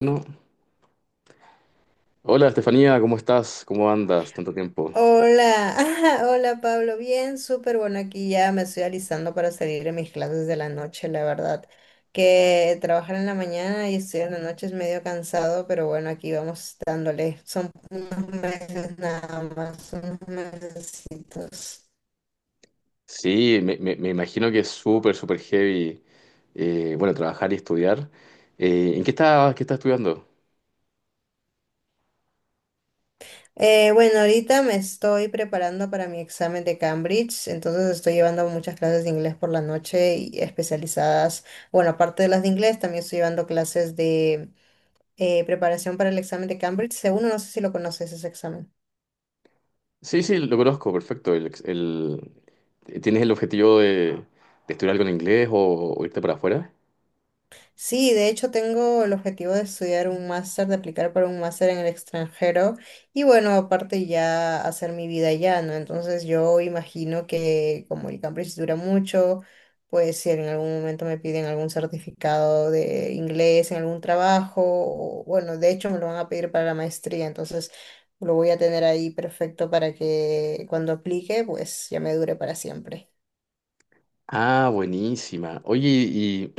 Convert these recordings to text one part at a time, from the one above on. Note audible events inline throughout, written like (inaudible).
No. Hola Estefanía, ¿cómo estás? ¿Cómo andas? Tanto tiempo. Hola, (laughs) hola Pablo, bien, súper bueno, aquí ya me estoy alisando para salir de mis clases de la noche, la verdad, que trabajar en la mañana y estudiar en la noche es medio cansado, pero bueno, aquí vamos dándole, son unos meses nada más, unos mesecitos. Sí, me imagino que es súper, súper heavy, bueno, trabajar y estudiar. ¿ qué estás estudiando? Bueno, ahorita me estoy preparando para mi examen de Cambridge, entonces estoy llevando muchas clases de inglés por la noche y especializadas, bueno, aparte de las de inglés, también estoy llevando clases de preparación para el examen de Cambridge. Segundo, no sé si lo conoces ese examen. Sí, sí, lo conozco, perfecto. ¿Tienes el objetivo de estudiar algo en inglés o irte para afuera? Sí, de hecho tengo el objetivo de estudiar un máster, de aplicar para un máster en el extranjero y bueno, aparte ya hacer mi vida allá, ¿no? Entonces yo imagino que como el Cambridge dura mucho, pues si en algún momento me piden algún certificado de inglés en algún trabajo, o, bueno, de hecho me lo van a pedir para la maestría, entonces lo voy a tener ahí perfecto para que cuando aplique, pues ya me dure para siempre. Ah, buenísima. Oye, ¿y,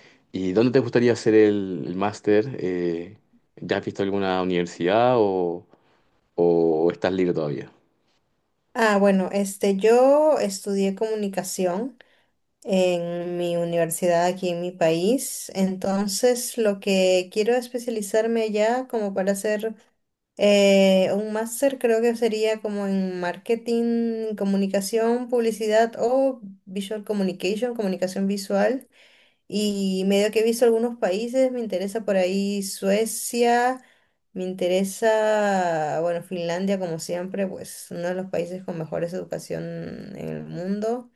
(clears throat) y dónde te gustaría hacer el máster? ¿Ya has visto alguna universidad o estás libre todavía? Ah, bueno, este, yo estudié comunicación en mi universidad aquí en mi país, entonces lo que quiero especializarme allá como para hacer un máster creo que sería como en marketing, comunicación, publicidad o visual communication, comunicación visual. Y medio que he visto algunos países, me interesa por ahí Suecia, me interesa, bueno, Finlandia como siempre, pues uno de los países con mejores educación en el mundo.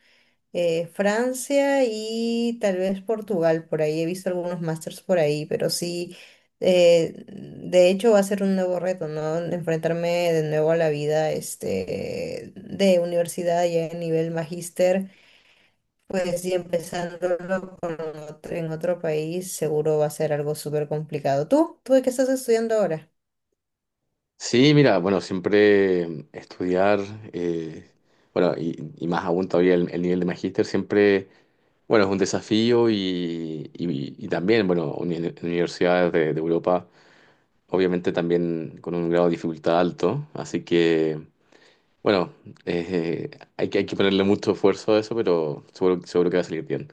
Francia y tal vez Portugal, por ahí he visto algunos másters por ahí, pero sí, de hecho va a ser un nuevo reto, ¿no? Enfrentarme de nuevo a la vida, este, de universidad ya a nivel magíster, pues sí, empezándolo con en otro país seguro va a ser algo súper complicado. ¿Tú de qué estás estudiando ahora? Sí, mira, bueno, siempre estudiar, eh, bueno, y más aún todavía el nivel de magíster, siempre, bueno, es un desafío y también, bueno, en universidades de Europa, obviamente también con un grado de dificultad alto, así que, bueno, eh, hay que ponerle mucho esfuerzo a eso, pero seguro, seguro que va a salir bien.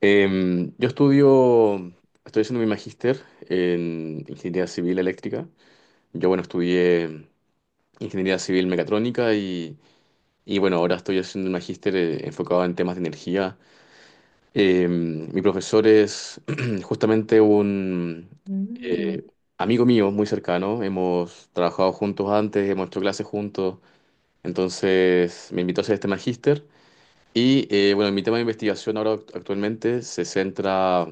Yo estudio, estoy haciendo mi magíster en ingeniería civil eléctrica. Yo, bueno, estudié ingeniería civil mecatrónica bueno, ahora estoy haciendo un magíster enfocado en temas de energía. Mi profesor es (clears throat) justamente un Mm. eh, amigo mío muy cercano, hemos trabajado juntos antes, hemos hecho clases juntos, entonces me invitó a hacer este magíster. Y bueno, mi tema de investigación ahora actualmente se centra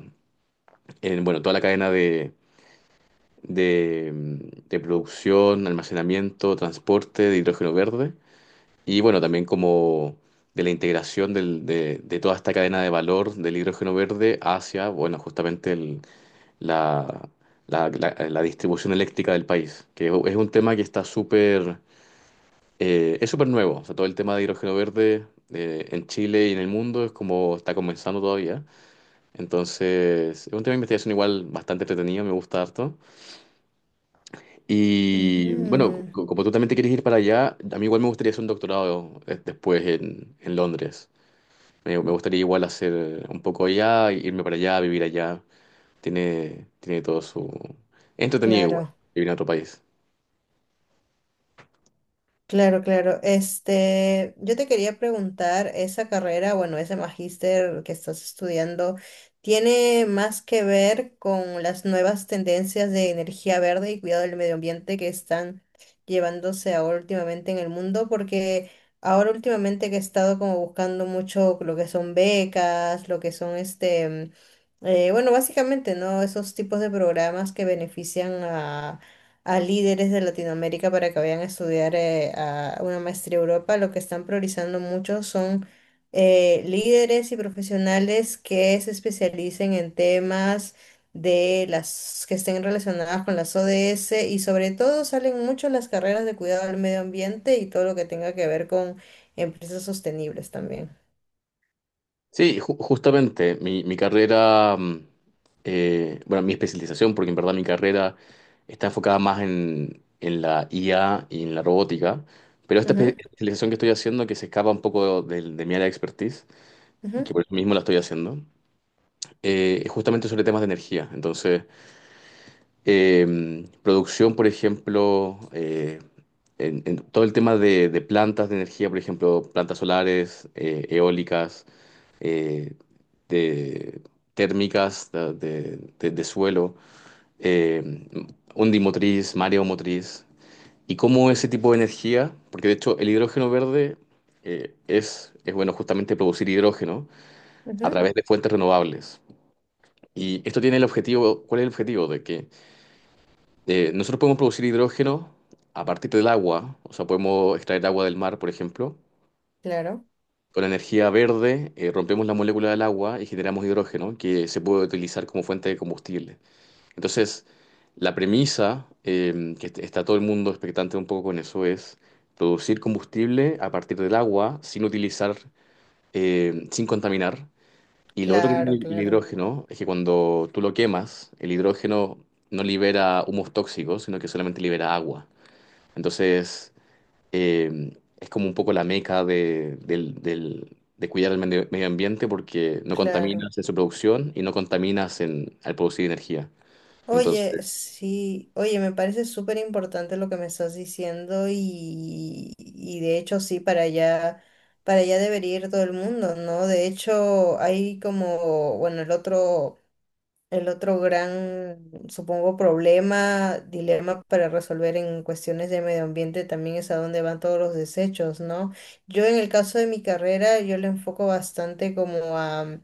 en bueno, toda la cadena de, de producción, almacenamiento, transporte de hidrógeno verde. Y bueno, también como de la integración de toda esta cadena de valor del hidrógeno verde hacia, bueno, justamente la, la distribución eléctrica del país, que es un tema que está súper, es súper nuevo. O sea, todo el tema de hidrógeno verde en Chile y en el mundo es como está comenzando todavía. Entonces, es un tema de investigación igual bastante entretenido, me gusta harto. Y bueno, Ujú. Como tú también te quieres ir para allá, a mí igual me gustaría hacer un doctorado después en Londres. Me gustaría igual hacer un poco allá, irme para allá, vivir allá. Tiene todo su… es entretenido igual, Claro. vivir en otro país. Claro, claro. Este, yo te quería preguntar, esa carrera, bueno, ese magíster que estás estudiando, ¿tiene más que ver con las nuevas tendencias de energía verde y cuidado del medio ambiente que están llevándose ahora últimamente en el mundo? Porque ahora últimamente que he estado como buscando mucho lo que son becas, lo que son este, bueno, básicamente, ¿no? Esos tipos de programas que benefician a líderes de Latinoamérica para que vayan a estudiar a una maestría a Europa. Lo que están priorizando mucho son líderes y profesionales que se especialicen en temas de las que estén relacionadas con las ODS y sobre todo salen mucho las carreras de cuidado del medio ambiente y todo lo que tenga que ver con empresas sostenibles también. Sí, justamente, mi carrera, bueno, mi especialización, porque en verdad mi carrera está enfocada más en la IA y en la robótica, pero esta Ujú, especialización que estoy haciendo, que se escapa un poco de mi área de expertise, y ujú, que por eso mismo la estoy haciendo, es justamente sobre temas de energía. Entonces… producción, por ejemplo, en todo el tema de plantas de energía, por ejemplo, plantas solares, eólicas, eh, de térmicas de suelo, eh, ondimotriz, mareomotriz, y cómo ese tipo de energía, porque de hecho el hidrógeno verde es, bueno, justamente producir hidrógeno a ujú. través de fuentes renovables. Y esto tiene el objetivo, ¿cuál es el objetivo? De que nosotros podemos producir hidrógeno a partir del agua, o sea, podemos extraer agua del mar, por ejemplo. Claro, Con energía verde, rompemos la molécula del agua y generamos hidrógeno que se puede utilizar como fuente de combustible. Entonces, la premisa, está todo el mundo expectante un poco con eso, es producir combustible a partir del agua sin utilizar, sin contaminar. Y lo otro que tiene claro, el claro, hidrógeno es que cuando tú lo quemas, el hidrógeno no libera humos tóxicos, sino que solamente libera agua. Entonces, eh, es como un poco la meca de cuidar el medio medio ambiente porque no claro. contaminas en su producción y no contaminas en, al producir energía. Oye, Entonces, sí, oye, me parece súper importante lo que me estás diciendo y de hecho sí, para allá debería ir todo el mundo, ¿no? De hecho, hay como, bueno, el otro gran, supongo, problema, dilema para resolver en cuestiones de medio ambiente también es a dónde van todos los desechos, ¿no? Yo en el caso de mi carrera, yo le enfoco bastante como a.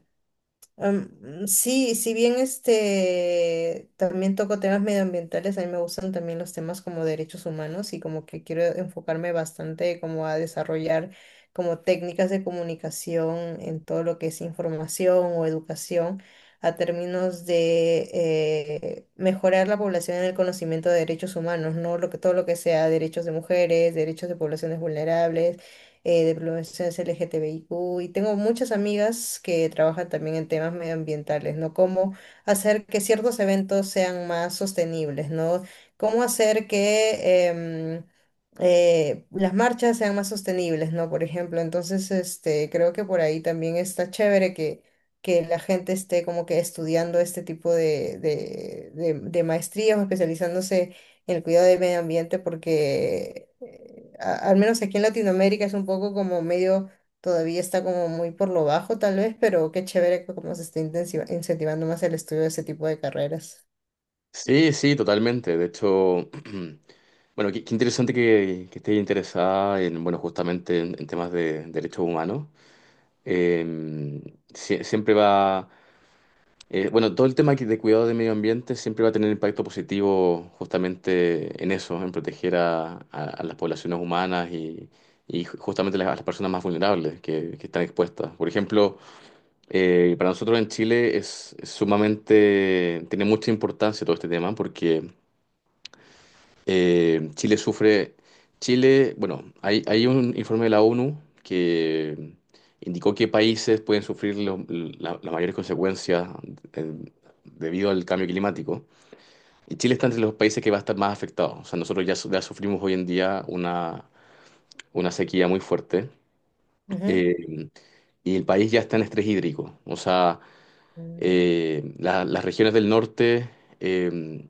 Sí, si bien este también toco temas medioambientales, a mí me gustan también los temas como derechos humanos y como que quiero enfocarme bastante como a desarrollar como técnicas de comunicación en todo lo que es información o educación a términos de mejorar la población en el conocimiento de derechos humanos, ¿no? Lo que, todo lo que sea derechos de mujeres, derechos de poblaciones vulnerables, de poblaciones LGTBIQ, y tengo muchas amigas que trabajan también en temas medioambientales, ¿no? Cómo hacer que ciertos eventos sean más sostenibles, ¿no? Cómo hacer que las marchas sean más sostenibles, ¿no? Por ejemplo, entonces, este, creo que por ahí también está chévere que la gente esté como que estudiando este tipo de maestrías o especializándose el cuidado del medio ambiente porque al menos aquí en Latinoamérica es un poco como medio, todavía está como muy por lo bajo tal vez, pero qué chévere que como se está incentivando más el estudio de ese tipo de carreras. sí, sí, totalmente. De hecho, (clears throat) bueno, qué interesante que estés interesada en, bueno, justamente en temas de derechos humanos. Eh, siempre va… bueno, todo el tema de cuidado del medio ambiente siempre va a tener impacto positivo justamente en eso, en proteger a, a las poblaciones humanas y justamente a las personas más vulnerables que están expuestas. Por ejemplo, para nosotros en Chile es sumamente, tiene mucha importancia todo este tema porque… Chile sufre, Chile, bueno, hay un informe de la ONU que indicó que países pueden sufrir las mayores consecuencias eh, debido al cambio climático. Y Chile está entre los países que va a estar más afectado. O sea, nosotros ya, ya sufrimos hoy en día una sequía muy fuerte Ujú. eh, y el país ya está en estrés hídrico. O sea, Mm. Las regiones del norte… eh,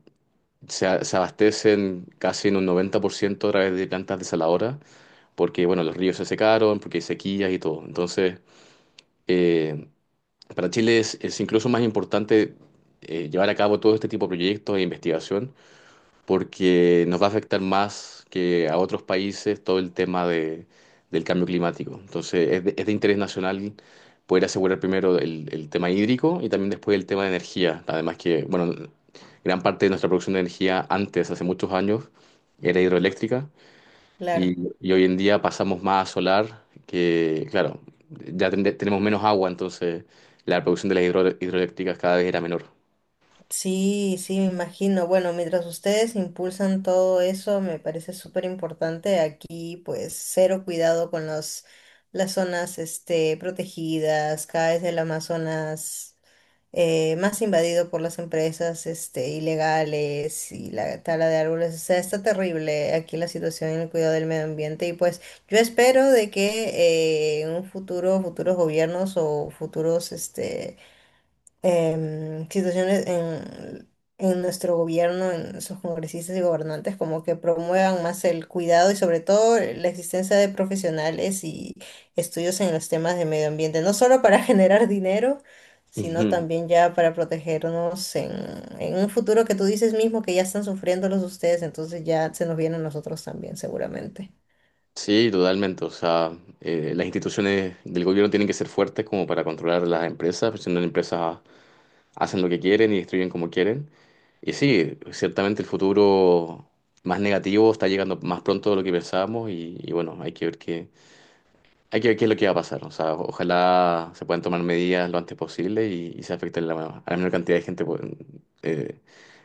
se abastecen casi en un 90% a través de plantas desaladoras porque bueno, los ríos se secaron, porque hay sequías y todo. Entonces, eh, para Chile es incluso más importante llevar a cabo todo este tipo de proyectos e investigación, porque nos va a afectar más que a otros países todo el tema del cambio climático. Entonces, es de interés nacional poder asegurar primero el tema hídrico y también después el tema de energía. Además que, bueno, gran parte de nuestra producción de energía antes, hace muchos años, era hidroeléctrica Claro. y hoy en día pasamos más a solar, que claro, ya tenemos menos agua, entonces la producción de las hidroeléctricas cada vez era menor. Sí, sí, me imagino. Bueno, mientras ustedes impulsan todo eso, me parece súper importante. Aquí, pues, cero cuidado con los, las zonas, este, protegidas. Cada vez el Amazonas más invadido por las empresas, este, ilegales y la tala de árboles. O sea, está terrible aquí la situación en el cuidado del medio ambiente. Y pues, yo espero de que en un futuro, futuros gobiernos o futuros, este situaciones en nuestro gobierno, en sus congresistas y gobernantes, como que promuevan más el cuidado y sobre todo la existencia de profesionales y estudios en los temas de medio ambiente, no solo para (laughs) generar dinero, sino Ujú. también (laughs) ya para protegernos en un futuro que tú dices mismo que ya están sufriéndolos ustedes, entonces ya se nos viene a nosotros también, seguramente. Sí, totalmente. O sea, las instituciones del gobierno tienen que ser fuertes como para controlar las empresas, porque si no las empresas hacen lo que quieren y destruyen como quieren. Y sí, ciertamente el futuro más negativo está llegando más pronto de lo que pensábamos y bueno, hay que ver qué es lo que va a pasar. O sea, ojalá se puedan tomar medidas lo antes posible y se afecte la, a la menor cantidad de gente, eh,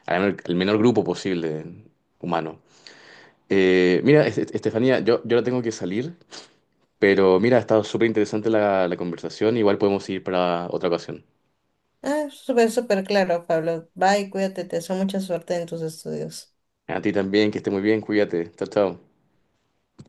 al menor grupo posible humano. Mira, Estefanía, yo ahora tengo que salir, pero mira, ha estado súper interesante la conversación. Igual podemos ir para otra ocasión. Ah, súper, súper claro, Pablo. Bye, cuídate, te deseo mucha suerte en tus estudios. A ti también, que esté muy bien, cuídate. Chao, chao.